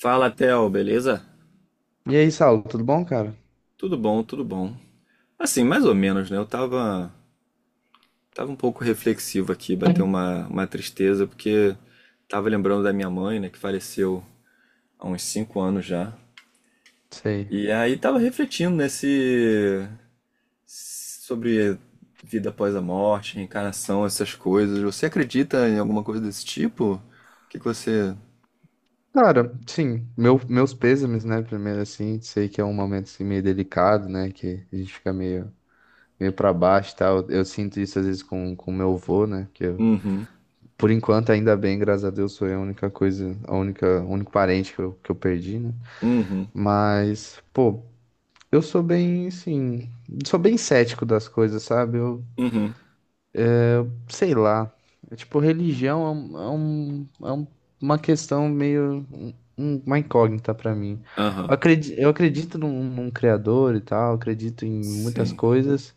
Fala, Theo, beleza? E aí, Saulo, tudo bom, cara? Tudo bom, tudo bom. Assim, mais ou menos, né? Eu tava um pouco reflexivo aqui, bateu uma tristeza, porque tava lembrando da minha mãe, né, que faleceu há uns 5 anos já. Sei. E aí tava refletindo sobre vida após a morte, reencarnação, essas coisas. Você acredita em alguma coisa desse tipo? O que que você. Cara, sim, meus pêsames, né? Primeiro, assim, sei que é um momento assim, meio delicado, né? Que a gente fica meio pra baixo e tal. Eu sinto isso às vezes com o meu avô, né? Uhum, Por enquanto, ainda bem, graças a Deus, sou eu a única coisa, a única, o único parente que eu perdi, né? uhum, Mas, pô, eu sou bem, assim, sou bem cético das coisas, sabe? uhum, Sei lá. É tipo, religião é, um, é, um- é um- uma questão meio uma incógnita pra mim. aham, Eu acredito, num criador e tal, eu acredito em muitas sim, coisas,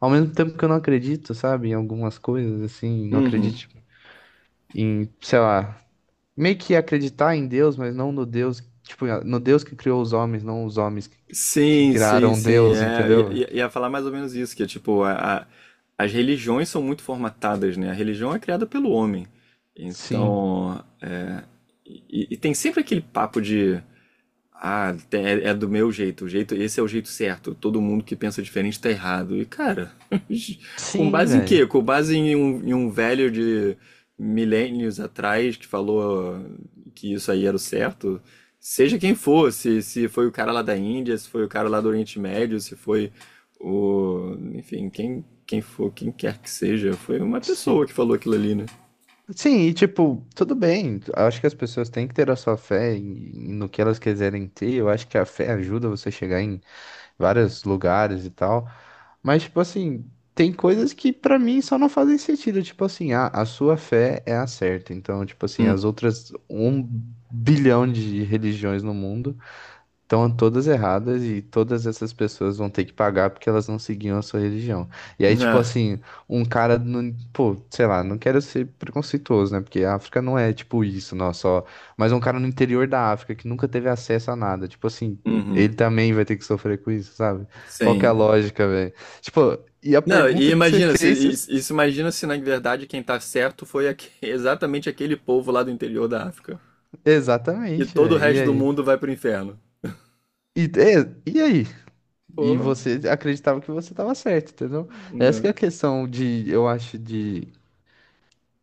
ao mesmo tempo que eu não acredito, sabe, em algumas coisas, assim, não uhum. acredito em, sei lá, meio que acreditar em Deus, mas não no Deus, tipo, no Deus que criou os homens, não os homens que Sim, sim, criaram sim. Deus, É, ia, entendeu? ia ia falar mais ou menos isso, que é tipo, as religiões são muito formatadas, né? A religião é criada pelo homem. Sim. Então, e tem sempre aquele papo de ah, é do meu jeito, o jeito, esse é o jeito certo. Todo mundo que pensa diferente tá errado. E cara, com Sim, base em velho. quê? Com base em um velho de milênios atrás que falou que isso aí era o certo. Seja quem for, se foi o cara lá da Índia, se foi o cara lá do Oriente Médio, se foi enfim, quem for, quem quer que seja, foi uma pessoa que falou aquilo ali, né? Sim, e tipo, tudo bem. Acho que as pessoas têm que ter a sua fé no que elas quiserem ter. Eu acho que a fé ajuda você a chegar em vários lugares e tal. Mas, tipo assim, tem coisas que pra mim só não fazem sentido. Tipo assim, a sua fé é a certa. Então, tipo assim, Hum. as outras um bilhão de religiões no mundo. Estão todas erradas e todas essas pessoas vão ter que pagar porque elas não seguiam a sua religião. E aí, tipo Ah, assim, um cara, não, pô, sei lá, não quero ser preconceituoso, né? Porque a África não é tipo isso, não, só. Mas um cara no interior da África que nunca teve acesso a nada, tipo assim, uhum. ele também vai ter que sofrer com isso, sabe? Qual que é a Sim. lógica, velho? Tipo, e a Não, e pergunta que você imagina, se, fez, isso isso imagina se na verdade quem tá certo foi exatamente aquele povo lá do interior da África. E exatamente, todo o velho. E resto do aí? mundo vai pro inferno. E aí? E Pô, você acreditava que você estava certo, entendeu? Essa que é não. a questão de, eu acho, de.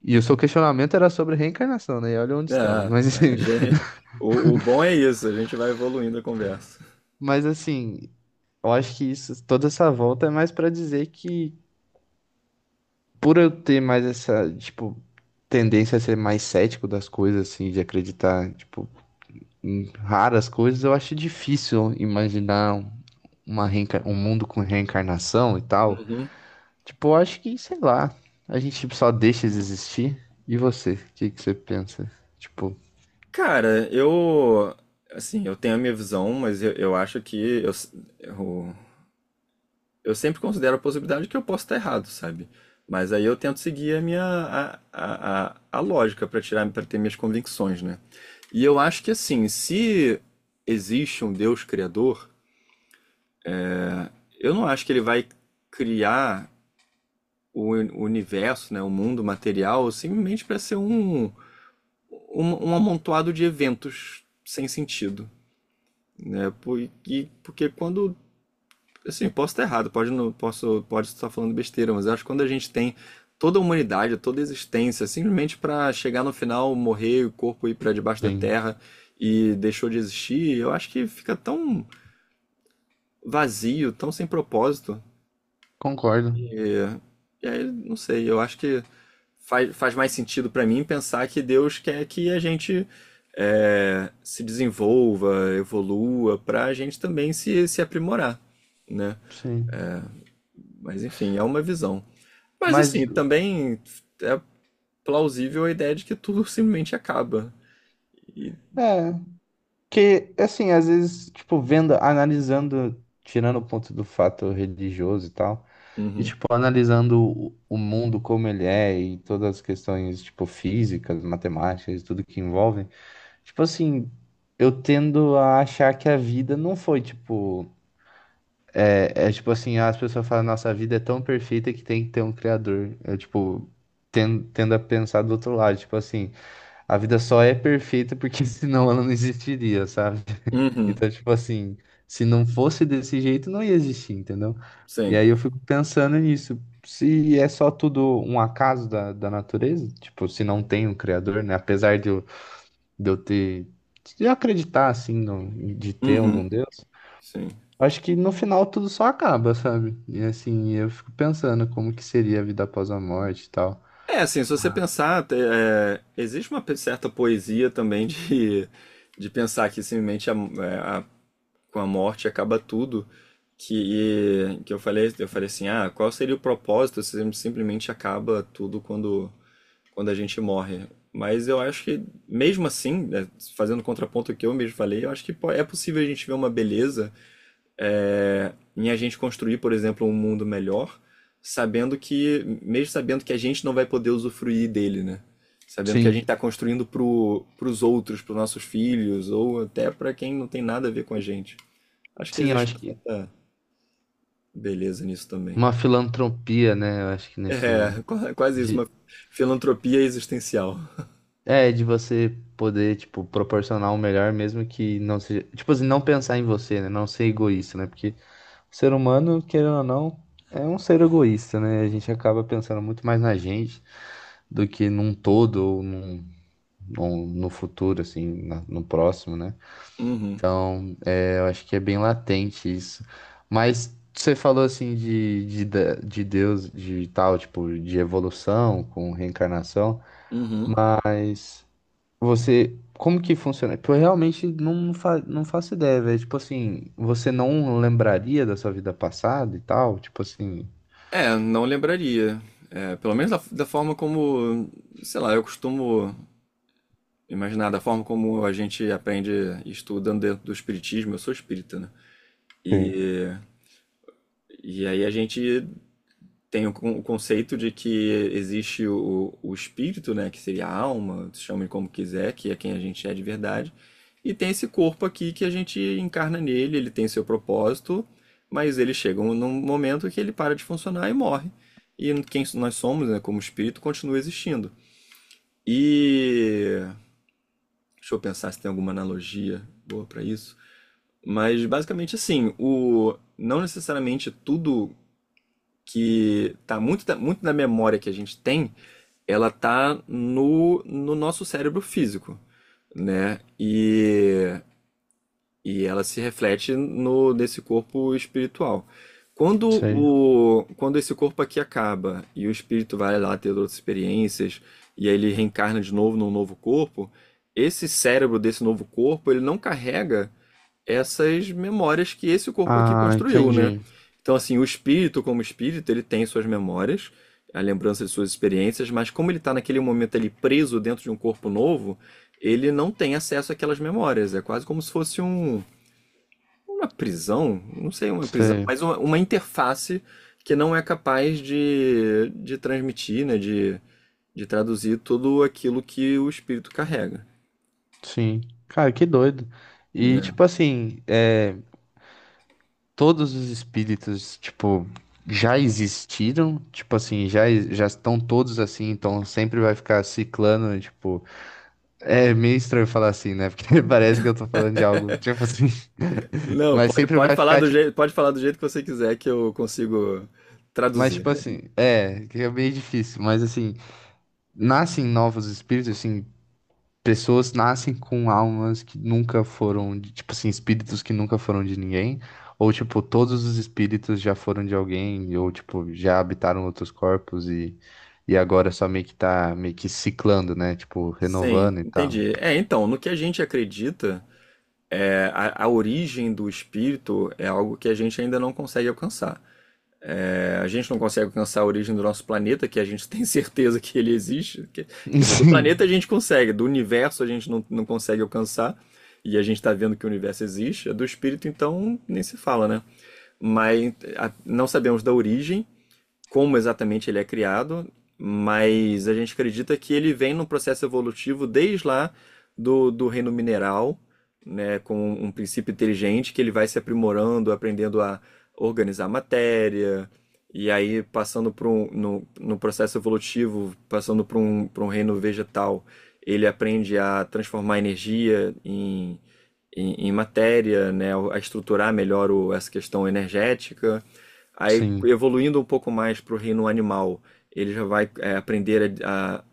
E o seu questionamento era sobre reencarnação, né? E olha onde estamos. Ah, Mas, a assim, gente, o bom é isso, a gente vai evoluindo a conversa. mas assim, eu acho que isso, toda essa volta é mais para dizer que, por eu ter mais essa, tipo, tendência a ser mais cético das coisas, assim, de acreditar, tipo, em raras coisas, eu acho difícil imaginar um mundo com reencarnação e tal. Uhum. Tipo, eu acho que, sei lá, a gente tipo, só deixa eles existir. E você? O que que você pensa? Tipo, Cara, eu. Assim, eu tenho a minha visão, mas eu acho que eu, eu sempre considero a possibilidade que eu posso estar errado, sabe? Mas aí eu tento seguir a minha a lógica para tirar para ter minhas convicções, né? E eu acho que assim, se existe um Deus criador, eu não acho que ele vai criar o universo, né, o mundo material, simplesmente para ser um amontoado de eventos sem sentido, né? Porque quando assim, posso estar errado, pode, não, posso, pode estar falando besteira, mas eu acho que quando a gente tem toda a humanidade, toda a existência, simplesmente para chegar no final, morrer, o corpo ir para debaixo da sim, terra e deixou de existir, eu acho que fica tão vazio, tão sem propósito. concordo, E, e aí, não sei, eu acho que faz mais sentido para mim pensar que Deus quer que a gente se desenvolva, evolua, para a gente também se aprimorar, né? sim. Mas enfim, é uma visão. Mas Mas, assim, também é plausível a ideia de que tudo simplesmente acaba. E. é, que assim, às vezes, tipo, vendo, analisando, tirando o ponto do fato religioso e tal, e Uhum. tipo, analisando o mundo como ele é e todas as questões, tipo, físicas, matemáticas, tudo que envolvem, tipo assim, eu tendo a achar que a vida não foi, tipo. É tipo assim, as pessoas falam, nossa, a vida é tão perfeita que tem que ter um criador. É tipo, tendo a pensar do outro lado, tipo assim, a vida só é perfeita porque senão ela não existiria, sabe? Uhum. Então, tipo assim, se não fosse desse jeito, não ia existir, entendeu? E Sim. aí eu fico pensando nisso. Se é só tudo um acaso da natureza, tipo, se não tem um criador, né? Apesar de eu ter, de eu acreditar, assim, no- de ter algum Uhum. Deus. Sim. Acho que no final tudo só acaba, sabe? E assim, eu fico pensando como que seria a vida após a morte e tal. É, assim, se você pensar, existe uma certa poesia também de pensar que simplesmente com a morte acaba tudo. Que eu falei, assim, ah, qual seria o propósito se simplesmente acaba tudo quando a gente morre. Mas eu acho que, mesmo assim, né, fazendo contraponto ao que eu mesmo falei, eu acho que é possível a gente ver uma beleza em a gente construir, por exemplo, um mundo melhor, sabendo que, mesmo sabendo que a gente não vai poder usufruir dele, né? Sabendo que a gente Sim. está construindo pros outros, pros nossos filhos, ou até para quem não tem nada a ver com a gente. Acho que Sim, eu existe acho uma que certa beleza nisso também. uma filantropia, né? Eu acho que É, nesse quase isso, de uma filantropia existencial. é de você poder, tipo, proporcionar o melhor mesmo que não seja, tipo assim, não pensar em você, né? Não ser egoísta, né? Porque o ser humano, querendo ou não, é um ser egoísta, né? A gente acaba pensando muito mais na gente do que num todo ou num, no futuro, assim, no próximo, né? Uhum, Então, é, eu acho que é bem latente isso. Mas você falou assim de Deus, de tal, tipo, de evolução com reencarnação, uhum. mas você, como que funciona? Porque eu realmente não faço ideia, velho. Tipo assim, você não lembraria da sua vida passada e tal? Tipo assim. É, não lembraria. É, pelo menos da forma como, sei lá, eu costumo imaginar, da forma como a gente aprende estudando dentro do espiritismo. Eu sou espírita, né? Sim. E, e aí a gente tem o conceito de que existe o espírito, né, que seria a alma, chame como quiser, que é quem a gente é de verdade, e tem esse corpo aqui que a gente encarna nele, ele tem seu propósito, mas ele chega num momento que ele para de funcionar e morre. E quem nós somos, né, como espírito, continua existindo. E deixa eu pensar se tem alguma analogia boa para isso. Mas basicamente assim, o não necessariamente tudo que tá muito da memória que a gente tem ela tá no nosso cérebro físico, né? E ela se reflete no nesse corpo espiritual. Quando Sei. o, quando esse corpo aqui acaba e o espírito vai lá ter outras experiências e aí ele reencarna de novo num novo corpo, esse cérebro desse novo corpo, ele não carrega essas memórias que esse corpo aqui Ah, construiu, né? entendi. Então, assim, o espírito, como espírito, ele tem suas memórias, a lembrança de suas experiências, mas como ele está naquele momento ali preso dentro de um corpo novo, ele não tem acesso àquelas memórias. É quase como se fosse uma prisão, não sei, uma prisão, Sei. mas uma interface que não é capaz de transmitir, né? De traduzir tudo aquilo que o espírito carrega. Sim. Cara, que doido. E É. tipo assim, é. Todos os espíritos, tipo, já existiram, tipo assim, já, já estão todos assim, então sempre vai ficar ciclando, tipo, é meio estranho falar assim, né? Porque parece que eu tô falando de algo, tipo assim, Não, mas sempre vai ficar, tipo, pode falar do jeito que você quiser que eu consigo mas traduzir. tipo assim, é, que é meio difícil, mas assim, nascem novos espíritos, assim, pessoas nascem com almas que nunca foram, tipo assim, espíritos que nunca foram de ninguém, ou tipo, todos os espíritos já foram de alguém, ou tipo, já habitaram outros corpos e agora só meio que tá meio que ciclando, né? Tipo, Sim, renovando e tal. entendi. É, então, no que a gente acredita, a origem do espírito é algo que a gente ainda não consegue alcançar. É, a gente não consegue alcançar a origem do nosso planeta, que a gente tem certeza que ele existe. Que, quer dizer, do planeta a Sim, gente consegue, do universo a gente não consegue alcançar. E a gente está vendo que o universo existe. Do espírito, então, nem se fala, né? Mas não sabemos da origem como exatamente ele é criado, mas a gente acredita que ele vem num processo evolutivo desde lá do reino mineral, né, com um princípio inteligente que ele vai se aprimorando, aprendendo a organizar matéria, e aí passando por um, no, no processo evolutivo, passando por um reino vegetal, ele aprende a transformar energia em matéria, né, a estruturar melhor essa questão energética. Aí, sim. evoluindo um pouco mais para o reino animal, ele já vai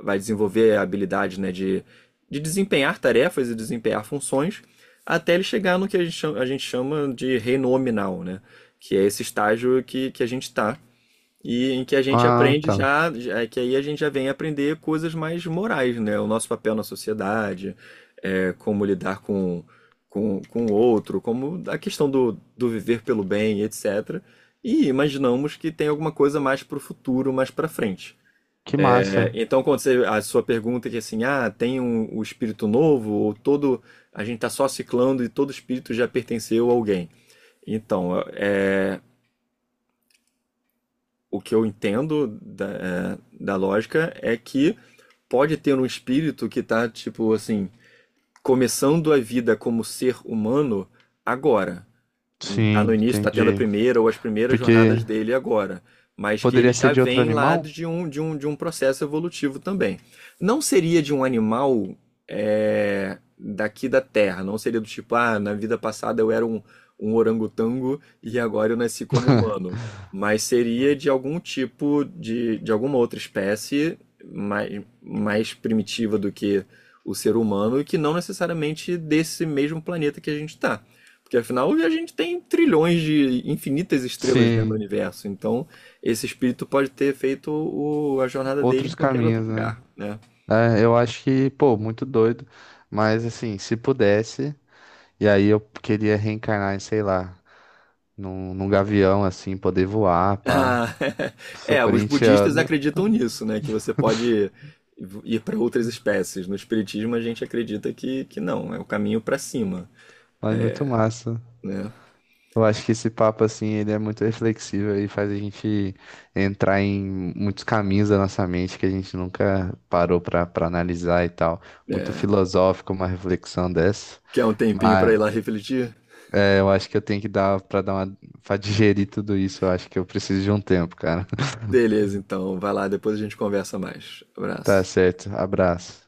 vai desenvolver a habilidade, né, de desempenhar tarefas e desempenhar funções, até ele chegar no que a gente chama, de reino hominal, né, que é esse estágio que a gente está e em que a gente Ah, aprende tá. É que aí a gente já vem aprender coisas mais morais, né? O nosso papel na sociedade, como lidar com o outro, como a questão do viver pelo bem, etc. E imaginamos que tem alguma coisa mais para o futuro, mais para frente. Que É, massa. então, a sua pergunta é que assim, ah, tem o espírito novo, a gente está só ciclando e todo espírito já pertenceu a alguém. Então, o que eu entendo da lógica é que pode ter um espírito que tá, tipo assim, começando a vida como ser humano agora tá no Sim, início, tá tendo a entendi. primeira ou as primeiras Porque jornadas dele agora, mas que ele poderia ser já de outro vem lá animal? de um processo evolutivo também. Não seria de um animal daqui da Terra, não seria do tipo, ah, na vida passada eu era um orangotango e agora eu nasci como humano, mas seria de algum tipo de alguma outra espécie mais primitiva do que o ser humano e que não necessariamente desse mesmo planeta que a gente está. Porque afinal a gente tem trilhões de infinitas estrelas dentro do Sim, universo. Então esse espírito pode ter feito a jornada dele em outros qualquer outro caminhos, né? lugar, né? É, eu acho que, pô, muito doido. Mas assim, se pudesse. E aí eu queria reencarnar em, sei lá, num gavião, assim, poder voar, pá. Ah, Sou os budistas corintiano, acreditam nisso, né? Que você pode ir para outras espécies. No espiritismo a gente acredita que não, é o caminho para cima, mas muito massa. né? Eu acho que esse papo, assim, ele é muito reflexivo e faz a gente entrar em muitos caminhos da nossa mente que a gente nunca parou pra analisar e tal. Muito É, filosófico uma reflexão dessa. quer um tempinho para Mas ir lá refletir? é, eu acho que eu tenho que dar pra dar uma, pra digerir tudo isso. Eu acho que eu preciso de um tempo, cara. Beleza, então vai lá, depois a gente conversa mais. Tá Abraço. certo. Abraço.